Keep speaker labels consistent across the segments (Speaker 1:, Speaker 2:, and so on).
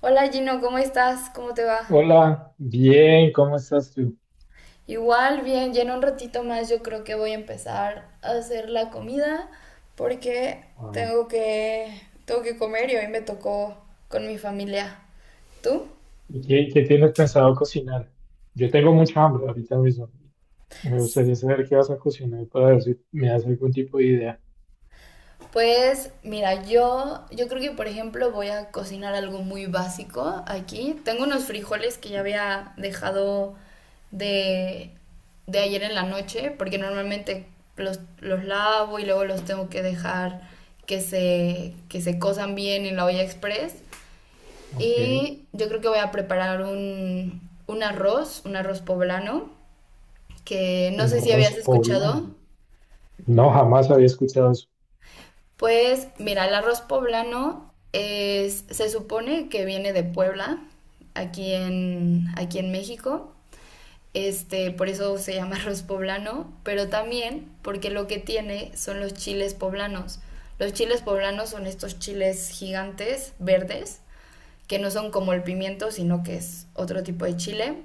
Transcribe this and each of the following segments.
Speaker 1: Hola Gino, ¿cómo estás? ¿Cómo te va?
Speaker 2: Hola, bien, ¿cómo estás tú?
Speaker 1: Igual, bien, ya en un ratito más yo creo que voy a empezar a hacer la comida porque
Speaker 2: Ah,
Speaker 1: tengo que, tengo que comer y hoy me tocó con mi familia. ¿Tú?
Speaker 2: ¿Y qué tienes pensado cocinar? Yo tengo mucha hambre ahorita mismo. Me gustaría saber qué vas a cocinar para ver si me das algún tipo de idea.
Speaker 1: Pues mira, yo creo que por ejemplo voy a cocinar algo muy básico aquí. Tengo unos frijoles que ya había dejado de, de ayer en la noche, porque normalmente los lavo y luego los tengo que dejar que se cosan bien en la olla express.
Speaker 2: Ok,
Speaker 1: Y yo creo que voy a preparar un arroz poblano, que no
Speaker 2: un
Speaker 1: sé si habías
Speaker 2: arroz
Speaker 1: escuchado.
Speaker 2: poblano. No, jamás había escuchado eso.
Speaker 1: Pues mira, el arroz poblano es, se supone que viene de Puebla, aquí en México. Por eso se llama arroz poblano, pero también porque lo que tiene son los chiles poblanos. Los chiles poblanos son estos chiles gigantes, verdes, que no son como el pimiento, sino que es otro tipo de chile.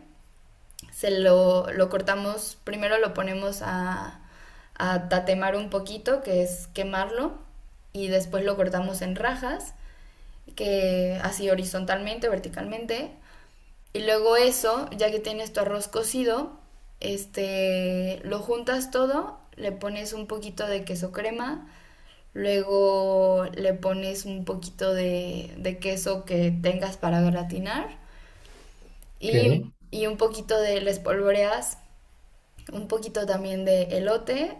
Speaker 1: Lo cortamos, primero lo ponemos a tatemar un poquito, que es quemarlo, y después lo cortamos en rajas, que así horizontalmente, verticalmente. Y luego eso, ya que tienes tu arroz cocido, lo juntas todo, le pones un poquito de queso crema, luego le pones un poquito de queso que tengas para gratinar
Speaker 2: Ok,
Speaker 1: y, y un poquito de, le espolvoreas un poquito también de elote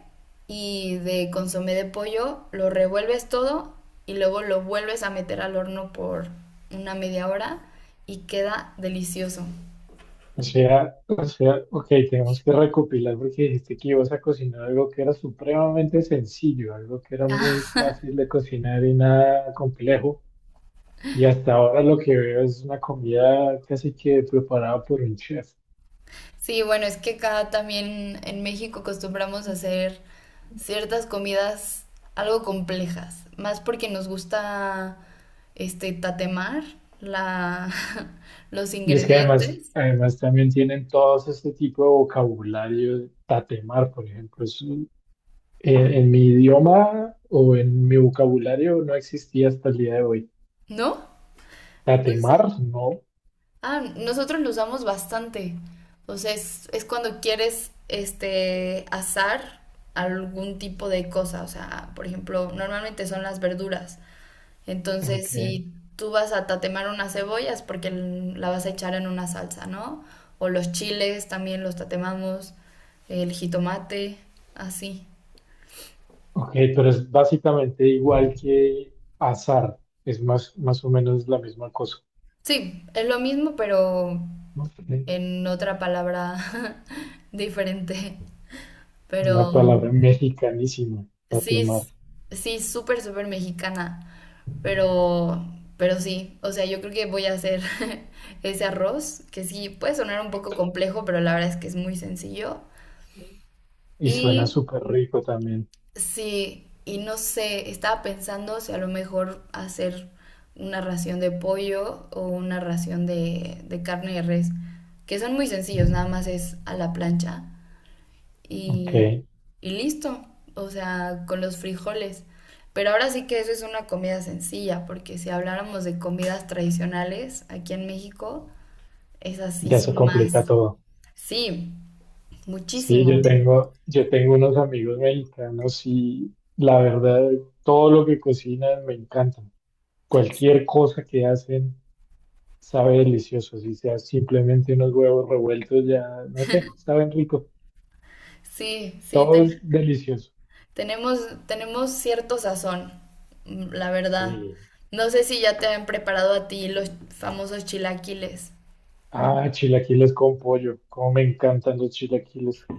Speaker 1: y de consomé de pollo, lo revuelves todo y luego lo vuelves a meter al horno por una media hora y queda delicioso.
Speaker 2: o sea, ok, tenemos que recopilar porque dijiste que ibas a cocinar algo que era supremamente sencillo, algo que era muy fácil de cocinar y nada complejo. Y hasta ahora lo que veo es una comida casi que preparada por un chef.
Speaker 1: Sí, bueno, es que acá también en México acostumbramos a hacer ciertas comidas algo complejas, más porque nos gusta tatemar la, los
Speaker 2: Y es que además,
Speaker 1: ingredientes,
Speaker 2: además también tienen todos este tipo de vocabulario, tatemar, por ejemplo. En mi idioma o en mi vocabulario no existía hasta el día de hoy.
Speaker 1: ¿no? No
Speaker 2: Tatemar,
Speaker 1: sé.
Speaker 2: no.
Speaker 1: Ah, nosotros lo usamos bastante. O sea, es cuando quieres asar algún tipo de cosa. O sea, por ejemplo, normalmente son las verduras.
Speaker 2: Ok,
Speaker 1: Entonces, si tú vas a tatemar unas cebollas porque la vas a echar en una salsa, ¿no? O los chiles también los tatemamos, el jitomate, así.
Speaker 2: ok, pero es básicamente igual que azar. Es más o menos la misma cosa.
Speaker 1: Sí, es lo mismo, pero
Speaker 2: ¿No? Ok.
Speaker 1: en otra palabra diferente.
Speaker 2: Una
Speaker 1: Pero
Speaker 2: palabra mexicanísima,
Speaker 1: Sí,
Speaker 2: tatemar.
Speaker 1: s- sí, súper, súper mexicana, pero, pero sí, o sea, yo creo que voy a hacer ese arroz, que sí, puede sonar un poco complejo, pero la verdad es que es muy sencillo.
Speaker 2: Y suena
Speaker 1: Y
Speaker 2: súper rico también.
Speaker 1: sí, y no sé, estaba pensando si a lo mejor hacer una ración de pollo o una ración de carne de res, que son muy sencillos, nada más es a la plancha. Y,
Speaker 2: Ok,
Speaker 1: y listo, o sea, con los frijoles. Pero ahora sí que eso es una comida sencilla, porque si habláramos de comidas tradicionales aquí en México, esas sí
Speaker 2: ya se
Speaker 1: son más.
Speaker 2: complica todo.
Speaker 1: Sí,
Speaker 2: Sí,
Speaker 1: muchísimo.
Speaker 2: yo tengo unos amigos mexicanos y la verdad, todo lo que cocinan me encanta. Cualquier cosa que hacen sabe delicioso, si sea simplemente unos huevos revueltos, ya, no sé, saben rico.
Speaker 1: Sí, sí,
Speaker 2: Todo es delicioso.
Speaker 1: tenemos, tenemos cierto sazón, mm, la verdad.
Speaker 2: Sí.
Speaker 1: No sé si ya te han preparado a ti los famosos chilaquiles.
Speaker 2: Ah, chilaquiles con pollo. Cómo me encantan los chilaquiles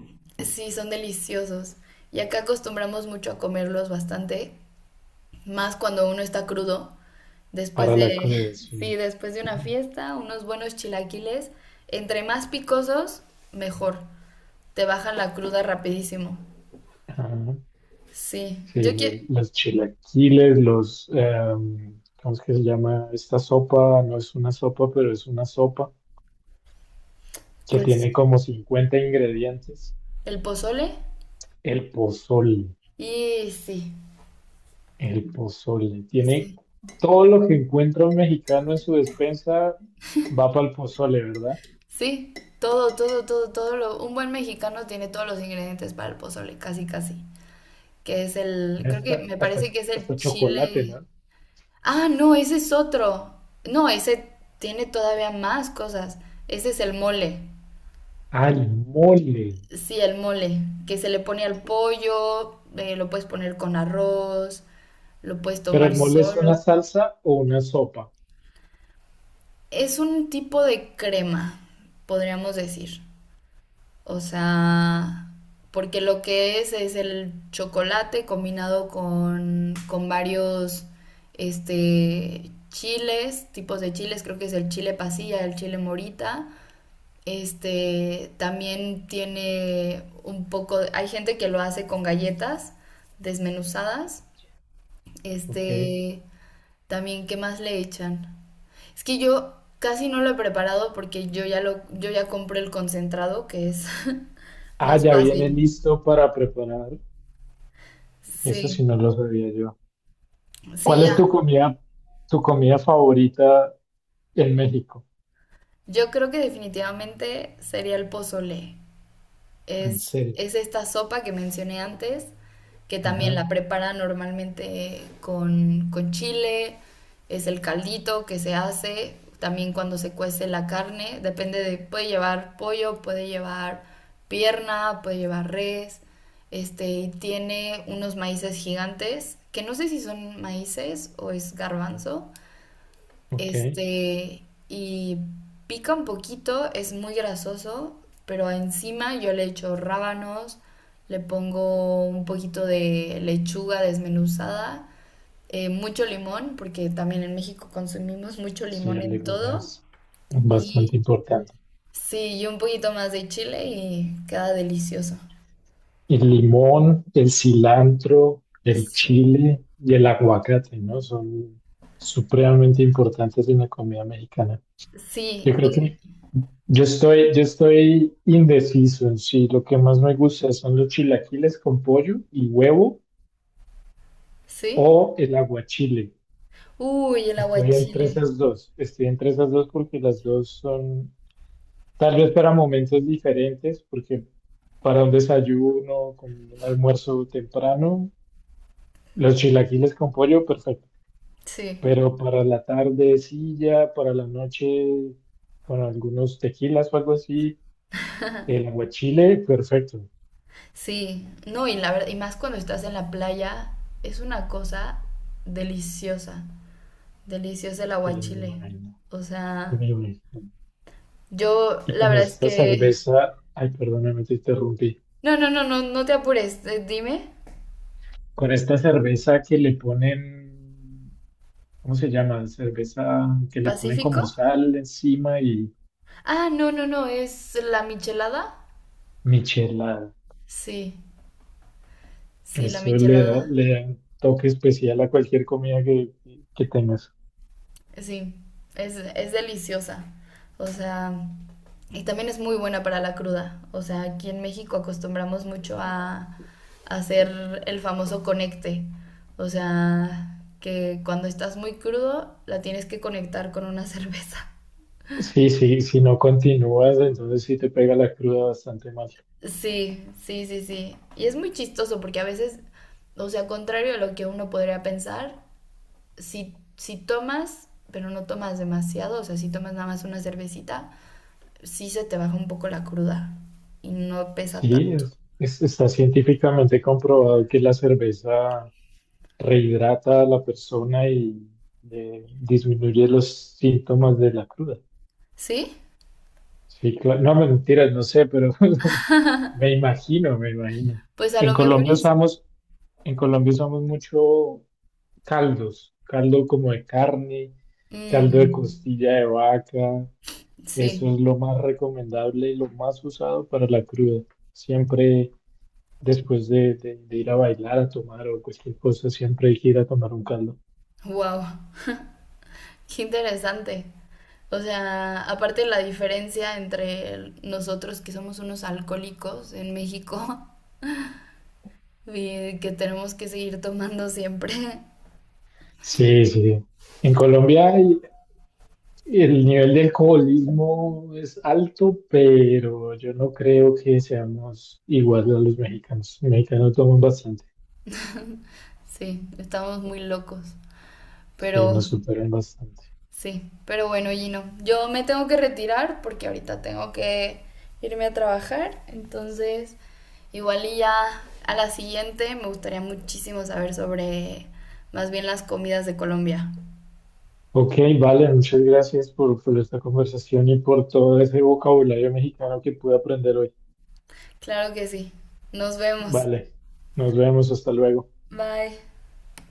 Speaker 1: Sí, son deliciosos. Y acá acostumbramos mucho a comerlos bastante. Más cuando uno está crudo, después
Speaker 2: para la
Speaker 1: de,
Speaker 2: cruda, sí.
Speaker 1: sí, después de una fiesta, unos buenos chilaquiles, entre más picosos, mejor. Te bajan la cruda rapidísimo.
Speaker 2: Ah,
Speaker 1: Sí,
Speaker 2: sí,
Speaker 1: yo
Speaker 2: lo-
Speaker 1: quiero,
Speaker 2: los chilaquiles, ¿cómo es que se llama? Esta sopa, no es una sopa, pero es una sopa que
Speaker 1: pues,
Speaker 2: tiene como 50 ingredientes.
Speaker 1: el pozole
Speaker 2: El pozole,
Speaker 1: y sí,
Speaker 2: el pozole, tiene
Speaker 1: sí,
Speaker 2: todo lo que encuentra un mexicano en su despensa, va para el pozole, ¿verdad?
Speaker 1: sí, todo, todo, todo, todo lo, un buen mexicano tiene todos los ingredientes para el pozole, casi, casi. Que es el,
Speaker 2: Tiene
Speaker 1: creo que me parece que es el
Speaker 2: Hasta chocolate,
Speaker 1: chile.
Speaker 2: ¿no?
Speaker 1: Ah, no, ese es otro. No, ese tiene todavía más cosas. Ese es el mole.
Speaker 2: Al mole,
Speaker 1: Sí, el mole, que se le pone al pollo, lo puedes poner con arroz, lo puedes
Speaker 2: pero
Speaker 1: tomar
Speaker 2: el mole es una
Speaker 1: solo.
Speaker 2: salsa o una sopa,
Speaker 1: Es un tipo de crema, podríamos decir. O sea, porque lo que es el chocolate combinado con varios chiles, tipos de chiles, creo que es el chile pasilla, el chile morita. Este también tiene un poco, hay gente que lo hace con galletas desmenuzadas.
Speaker 2: ¿ok?
Speaker 1: Este también, ¿qué más le echan? Es que yo casi no lo he preparado porque yo ya compré el concentrado, que es
Speaker 2: Ah,
Speaker 1: más
Speaker 2: ya viene
Speaker 1: fácil.
Speaker 2: listo para preparar. Eso sí
Speaker 1: Sí,
Speaker 2: no lo sabía yo.
Speaker 1: sí,
Speaker 2: ¿Cuál es
Speaker 1: ya.
Speaker 2: tu comida favorita en México?
Speaker 1: Yo creo que definitivamente sería el pozole.
Speaker 2: ¿En serio?
Speaker 1: Es esta sopa que mencioné antes, que también
Speaker 2: Ajá,
Speaker 1: la preparan normalmente con chile, es el caldito que se hace, también cuando se cuece la carne, depende de, puede llevar pollo, puede llevar pierna, puede llevar res, este, y tiene unos maíces gigantes, que no sé si son maíces o es garbanzo,
Speaker 2: ok.
Speaker 1: este, y pica un poquito, es muy grasoso, pero encima yo le echo rábanos, le pongo un poquito de lechuga desmenuzada, mucho limón, porque también en México consumimos mucho
Speaker 2: Sí,
Speaker 1: limón
Speaker 2: el
Speaker 1: en
Speaker 2: limón
Speaker 1: todo,
Speaker 2: es bastante
Speaker 1: y
Speaker 2: importante.
Speaker 1: sí, y un poquito más de chile y queda delicioso.
Speaker 2: El limón, el cilantro, el
Speaker 1: Sí,
Speaker 2: chile y el aguacate, ¿no? Son supremamente importantes en la comida mexicana.
Speaker 1: sí,
Speaker 2: Yo creo
Speaker 1: y-
Speaker 2: que yo estoy indeciso en si lo que más me gusta son los chilaquiles con pollo y huevo
Speaker 1: sí.
Speaker 2: o el aguachile.
Speaker 1: Uy, el aguachile,
Speaker 2: Estoy entre esas dos porque las dos son, tal vez para momentos diferentes, porque para un desayuno, con un almuerzo temprano, los chilaquiles con pollo, perfecto.
Speaker 1: sí.
Speaker 2: Pero para la tardecilla, para la noche, con algunos tequilas o algo así, el aguachile, perfecto.
Speaker 1: Sí, no, y la verdad, y más cuando estás en la playa, es una cosa deliciosa, deliciosa el
Speaker 2: Sí, me
Speaker 1: aguachile.
Speaker 2: imagino.
Speaker 1: O sea,
Speaker 2: Me imagino.
Speaker 1: yo
Speaker 2: Y
Speaker 1: la
Speaker 2: con
Speaker 1: verdad es
Speaker 2: esta
Speaker 1: que...
Speaker 2: cerveza, ay, perdóname, te interrumpí.
Speaker 1: No, no, no, no, no te apures, dime,
Speaker 2: Con esta cerveza que le ponen ¿cómo se llama? Cerveza que le ponen como
Speaker 1: ¿Pacífico?
Speaker 2: sal encima y
Speaker 1: Ah, no, no, no, es la michelada.
Speaker 2: michelada.
Speaker 1: Sí, sí, la michelada.
Speaker 2: Le da un toque especial a cualquier que tengas.
Speaker 1: Sí, es deliciosa. O sea, y también es muy buena para la cruda. O sea, aquí en México acostumbramos mucho a hacer el famoso conecte. O sea, que cuando estás muy crudo la tienes que conectar con una cerveza.
Speaker 2: Sí, sí, si no continúas, entonces sí te pega la cruda bastante mal.
Speaker 1: Sí, sí, sí, sí. Y es muy chistoso porque a veces, o sea, contrario a lo que uno podría pensar, si tomas, pero no tomas demasiado, o sea, si tomas nada más una cervecita, sí se te baja un poco la cruda y no pesa
Speaker 2: Sí,
Speaker 1: tanto.
Speaker 2: está científicamente comprobado que la cerveza rehidrata a la persona y disminuye los síntomas de la cruda.
Speaker 1: ¿Sí?
Speaker 2: Sí, claro. No, mentiras, no sé, pero me imagino.
Speaker 1: Pues a
Speaker 2: En
Speaker 1: lo mejor
Speaker 2: Colombia
Speaker 1: es...
Speaker 2: usamos, en Colombia usamos mucho caldos, caldo como de carne, caldo de
Speaker 1: Mm,
Speaker 2: costilla de vaca. Eso
Speaker 1: sí,
Speaker 2: es lo más recomendable y lo más usado para la cruda. Siempre después de, de ir a bailar, a tomar o cualquier cosa, siempre hay que ir a tomar un caldo.
Speaker 1: wow, qué interesante. O sea, aparte la diferencia entre el- nosotros que somos unos alcohólicos en México y que tenemos que seguir tomando siempre.
Speaker 2: Sí, sí. En Colombia hay El nivel de alcoholismo es alto, pero yo no creo que seamos iguales a los mexicanos. Los mexicanos toman bastante,
Speaker 1: Sí, estamos muy locos.
Speaker 2: sí,
Speaker 1: Pero
Speaker 2: nos superan bastante.
Speaker 1: sí, pero bueno, Gino, yo me tengo que retirar porque ahorita tengo que irme a trabajar, entonces igual y ya a la siguiente me gustaría muchísimo saber sobre más bien las comidas de Colombia.
Speaker 2: Ok, vale, muchas gracias por esta conversación y por todo ese vocabulario mexicano que pude aprender hoy.
Speaker 1: Claro que sí, nos vemos.
Speaker 2: Vale, nos vemos, hasta luego.
Speaker 1: Bye.